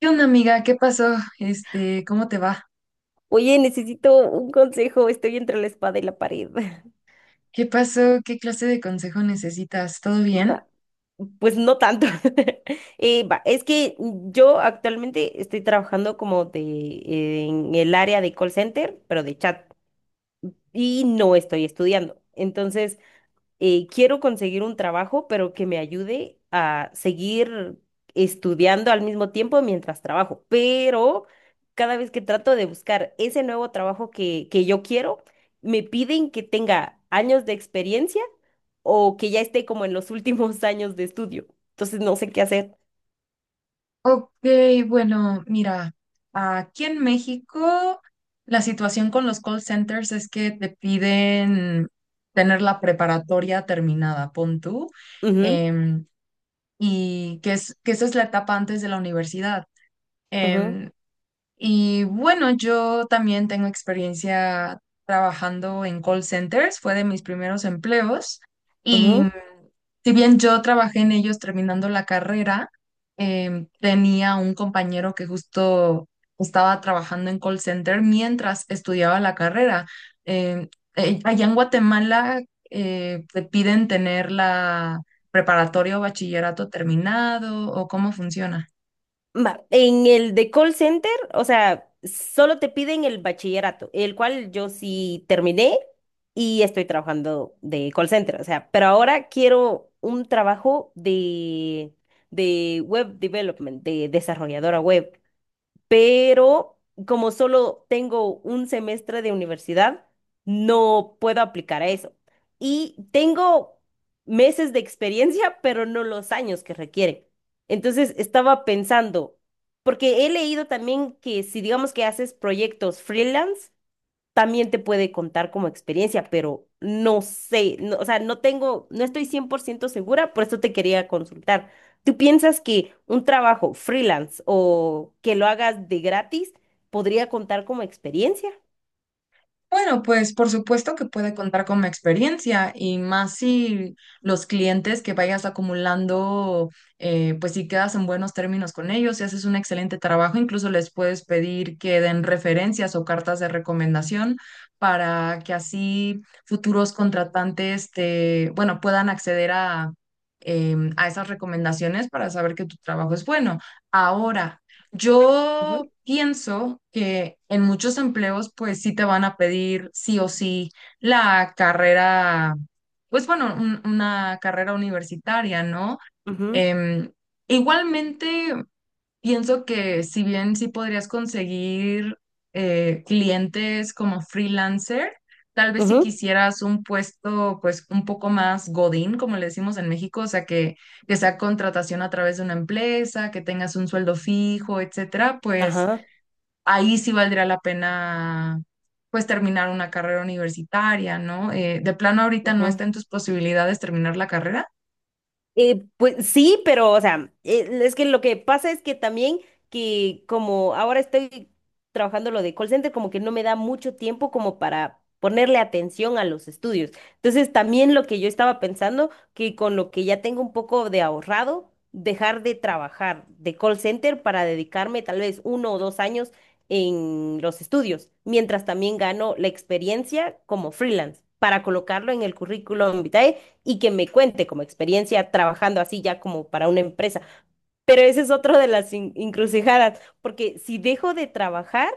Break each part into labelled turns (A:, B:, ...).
A: ¿Qué onda, amiga? ¿Qué pasó? ¿Cómo te va?
B: Oye, necesito un consejo, estoy entre la espada y la pared.
A: ¿Qué pasó? ¿Qué clase de consejo necesitas? ¿Todo bien?
B: Ma- Pues no tanto. Es que yo actualmente estoy trabajando en el área de call center, pero de chat, y no estoy estudiando. Quiero conseguir un trabajo, pero que me ayude a seguir estudiando al mismo tiempo mientras trabajo. Pero cada vez que trato de buscar ese nuevo trabajo que yo quiero, me piden que tenga años de experiencia o que ya esté como en los últimos años de estudio. Entonces no sé qué hacer.
A: Ok, bueno, mira, aquí en México la situación con los call centers es que te piden tener la preparatoria terminada, pon tú.
B: Ujú,
A: em, que esa es la etapa antes de la universidad.
B: ujú,
A: Em, Y bueno, yo también tengo experiencia trabajando en call centers, fue de mis primeros empleos y,
B: ujú.
A: si bien yo trabajé en ellos terminando la carrera, tenía un compañero que justo estaba trabajando en call center mientras estudiaba la carrera. Em, Allá en Guatemala, te piden tener la preparatoria o bachillerato terminado, o cómo funciona.
B: Va, en el de call center, o sea, solo te piden el bachillerato, el cual yo sí terminé y estoy trabajando de call center, o sea, pero ahora quiero un trabajo de web development, de desarrolladora web, pero como solo tengo un semestre de universidad, no puedo aplicar a eso. Y tengo meses de experiencia, pero no los años que requieren. Entonces estaba pensando, porque he leído también que si digamos que haces proyectos freelance, también te puede contar como experiencia, pero no sé, o sea, no tengo, no estoy 100% segura, por eso te quería consultar. ¿Tú piensas que un trabajo freelance o que lo hagas de gratis podría contar como experiencia?
A: Bueno, pues por supuesto que puede contar con mi experiencia, y más si los clientes que vayas acumulando, pues si quedas en buenos términos con ellos y haces un excelente trabajo, incluso les puedes pedir que den referencias o cartas de recomendación para que así futuros contratantes te, bueno, puedan acceder a, a esas recomendaciones para saber que tu trabajo es bueno. Ahora, yo
B: Ujú,
A: pienso que en muchos empleos pues sí te van a pedir sí o sí la carrera, pues bueno, una carrera universitaria, ¿no?
B: ujú,
A: Em, Igualmente. Pienso que si bien sí podrías conseguir, clientes como freelancer, tal vez si
B: ujú,
A: quisieras un puesto pues un poco más godín, como le decimos en México, o sea, que sea contratación a través de una empresa, que tengas un sueldo fijo, etcétera, pues
B: ajá,
A: ahí sí valdría la pena pues terminar una carrera universitaria, ¿no? De plano ahorita no está
B: ujú.
A: en tus posibilidades terminar la carrera.
B: Pues sí, pero, o sea, es que lo que pasa es que también que como ahora estoy trabajando lo de call center, como que no me da mucho tiempo como para ponerle atención a los estudios. Entonces, también lo que yo estaba pensando, que con lo que ya tengo un poco de ahorrado, dejar de trabajar de call center para dedicarme tal vez uno o dos años en los estudios, mientras también gano la experiencia como freelance, para colocarlo en el currículum vitae y que me cuente como experiencia trabajando así ya como para una empresa. Pero ese es otro de las encrucijadas, porque si dejo de trabajar,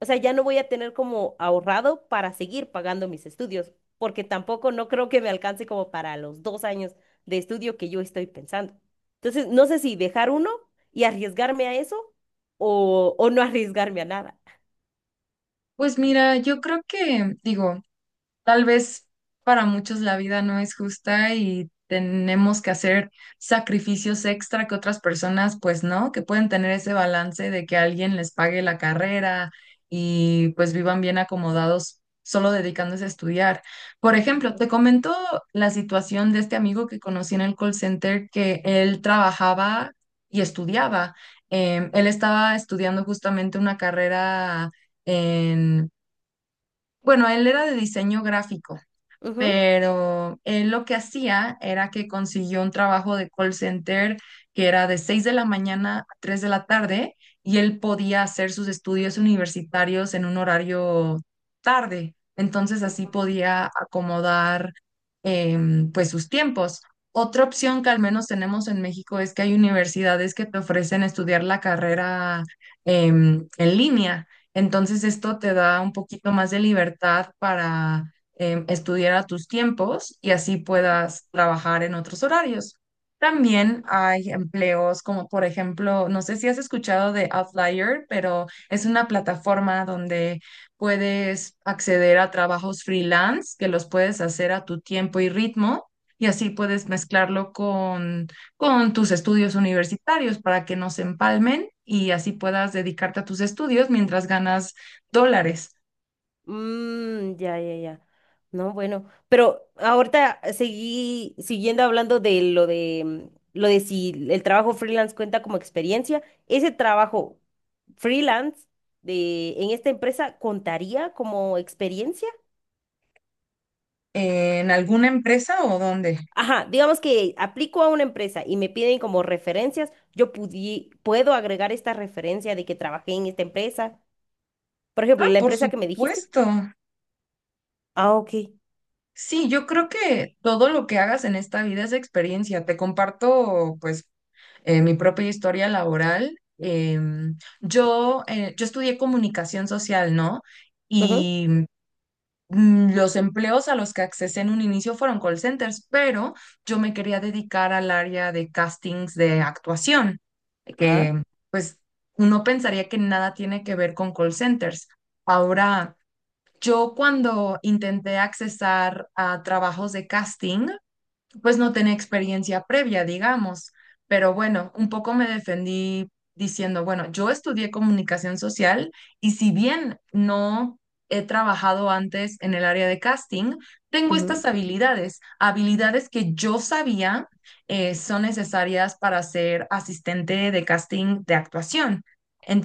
B: o sea, ya no voy a tener como ahorrado para seguir pagando mis estudios, porque tampoco no creo que me alcance como para los dos años de estudio que yo estoy pensando. Entonces, no sé si dejar uno y arriesgarme a eso o no arriesgarme a nada.
A: Pues mira, yo creo que, digo, tal vez para muchos la vida no es justa y tenemos que hacer sacrificios extra que otras personas, pues no, que pueden tener ese balance de que alguien les pague la carrera y pues vivan bien acomodados solo dedicándose a estudiar. Por ejemplo, te comento la situación de este amigo que conocí en el call center, que él trabajaba y estudiaba. Él estaba estudiando justamente una carrera en... Bueno, él era de diseño gráfico,
B: Ujú.
A: pero él lo que hacía era que consiguió un trabajo de call center que era de 6 de la mañana a 3 de la tarde, y él podía hacer sus estudios universitarios en un horario tarde. Entonces así podía acomodar, pues, sus tiempos. Otra opción que al menos tenemos en México es que hay universidades que te ofrecen estudiar la carrera, en línea. Entonces esto te da un poquito más de libertad para, estudiar a tus tiempos, y así puedas trabajar en otros horarios. También hay empleos como, por ejemplo, no sé si has escuchado de Outlier, pero es una plataforma donde puedes acceder a trabajos freelance que los puedes hacer a tu tiempo y ritmo, y así puedes mezclarlo con tus estudios universitarios para que no se empalmen, y así puedas dedicarte a tus estudios mientras ganas dólares.
B: Mm, ya, ya, ya. No, bueno, pero ahorita seguí siguiendo hablando de lo de lo de si el trabajo freelance cuenta como experiencia. Ese trabajo freelance de en esta empresa contaría como experiencia.
A: ¿En alguna empresa o dónde?
B: Ajá, digamos que aplico a una empresa y me piden como referencias, yo puedo agregar esta referencia de que trabajé en esta empresa. Por ejemplo,
A: Ah,
B: la
A: por
B: empresa que me dijiste.
A: supuesto.
B: Ah, ok.
A: Sí, yo creo que todo lo que hagas en esta vida es experiencia. Te comparto, pues, mi propia historia laboral. Yo estudié comunicación social, ¿no?
B: Ujú.
A: Y, los empleos a los que accesé en un inicio fueron call centers, pero yo me quería dedicar al área de castings de actuación,
B: Ajá.
A: que, pues, uno pensaría que nada tiene que ver con call centers. Ahora... Yo cuando intenté accesar a trabajos de casting, pues no tenía experiencia previa, digamos, pero bueno, un poco me defendí diciendo, bueno, yo estudié comunicación social, y si bien no he trabajado antes en el área de casting, tengo
B: Ujú,
A: estas habilidades, habilidades que yo sabía, son necesarias para ser asistente de casting de actuación.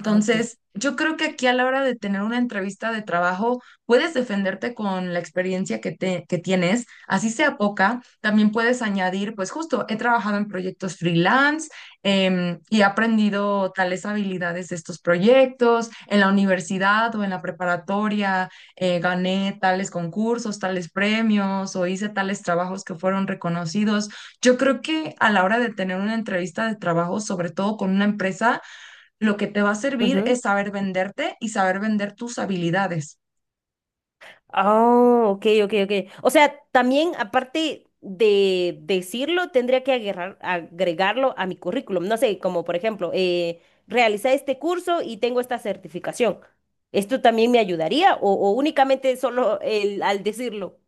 B: ah, ok.
A: yo creo que aquí, a la hora de tener una entrevista de trabajo, puedes defenderte con la experiencia que, te, que tienes. Así sea poca, también puedes añadir, pues, justo, he trabajado en proyectos freelance, y he aprendido tales habilidades de estos proyectos. En la universidad o en la preparatoria, gané tales concursos, tales premios o hice tales trabajos que fueron reconocidos. Yo creo que a la hora de tener una entrevista de trabajo, sobre todo con una empresa, lo que te va a servir es
B: Ujú.
A: saber venderte y saber vender tus habilidades.
B: Oh, ok, ok, ok. O sea, también aparte de decirlo, tendría que agregarlo a mi currículum. No sé, como por ejemplo, realicé este curso y tengo esta certificación. ¿Esto también me ayudaría o únicamente solo al decirlo?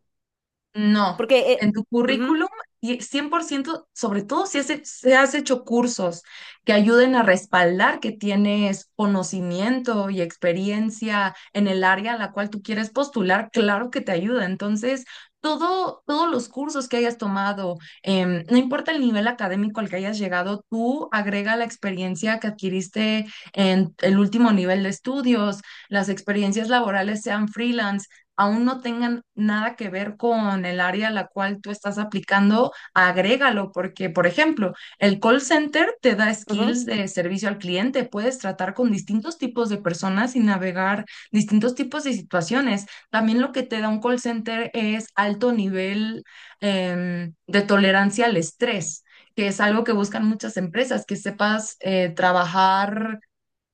A: No,
B: Porque...
A: en tu
B: ujú,
A: currículum, y 100%, sobre todo si has, si has hecho cursos que ayuden a respaldar que tienes conocimiento y experiencia en el área a la cual tú quieres postular, claro que te ayuda. Entonces, todo, todos los cursos que hayas tomado, no importa el nivel académico al que hayas llegado, tú agrega la experiencia que adquiriste en el último nivel de estudios, las experiencias laborales sean freelance aún no tengan nada que ver con el área a la cual tú estás aplicando, agrégalo, porque, por ejemplo, el call center te da skills
B: ujú,
A: de servicio al cliente, puedes tratar con distintos tipos de personas y navegar distintos tipos de situaciones. También lo que te da un call center es alto nivel, de tolerancia al estrés, que es algo que buscan muchas empresas, que sepas, trabajar,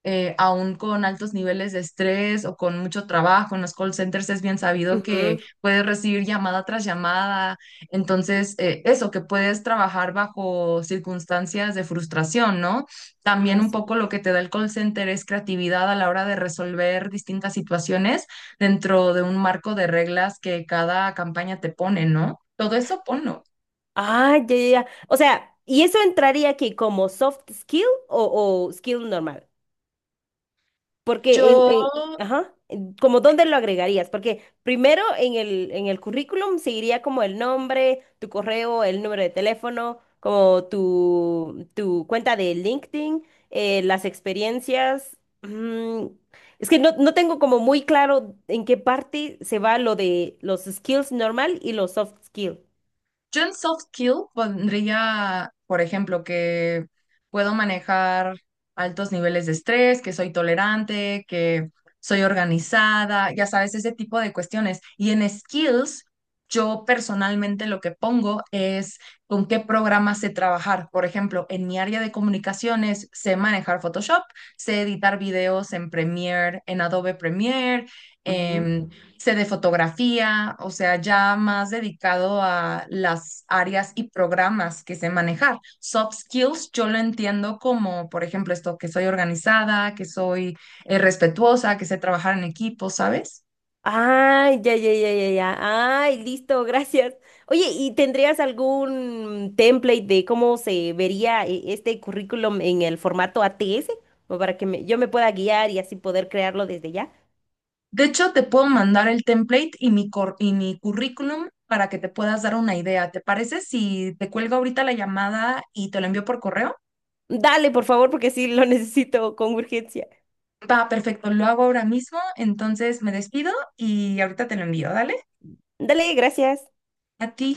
A: aún con altos niveles de estrés o con mucho trabajo. En los call centers es bien sabido que
B: ujú.
A: puedes recibir llamada tras llamada. Entonces, eso, que puedes trabajar bajo circunstancias de frustración, ¿no? También
B: Ah,
A: un
B: sí.
A: poco lo que te da el call center es creatividad a la hora de resolver distintas situaciones dentro de un marco de reglas que cada campaña te pone, ¿no? Todo eso ponlo.
B: Ah, ya, ya, ya. O sea, ¿y eso entraría aquí como soft skill o skill normal?
A: Yo
B: Porque ajá, ¿como dónde lo agregarías? Porque primero en en el currículum seguiría como el nombre, tu correo, el número de teléfono, como tu cuenta de LinkedIn, las experiencias. Mm, es que no tengo como muy claro en qué parte se va lo de los skills normal y los soft skills.
A: Yo en soft skill pondría, por ejemplo, que puedo manejar altos niveles de estrés, que soy tolerante, que soy organizada, ya sabes, ese tipo de cuestiones. Y en skills, yo personalmente lo que pongo es con qué programa sé trabajar. Por ejemplo, en mi área de comunicaciones sé manejar Photoshop, sé editar videos en Premiere, en Adobe Premiere, em, sé de fotografía, o sea, ya más dedicado a las áreas y programas que sé manejar. Soft skills yo lo entiendo como, por ejemplo, esto, que soy organizada, que soy, respetuosa, que sé trabajar en equipo, ¿sabes?
B: Ay, ya, ya, ya, ya, ya. Ay, listo, gracias. Oye, ¿y tendrías algún template de cómo se vería este currículum en el formato ATS? O para que yo me pueda guiar y así poder crearlo desde ya.
A: De hecho, te puedo mandar el template y mi currículum para que te puedas dar una idea. ¿Te parece si te cuelgo ahorita la llamada y te lo envío por correo?
B: Dale, por favor, porque sí lo necesito con urgencia.
A: Va, perfecto, lo hago ahora mismo, entonces me despido y ahorita te lo envío, ¿dale?
B: Dale, gracias.
A: A ti.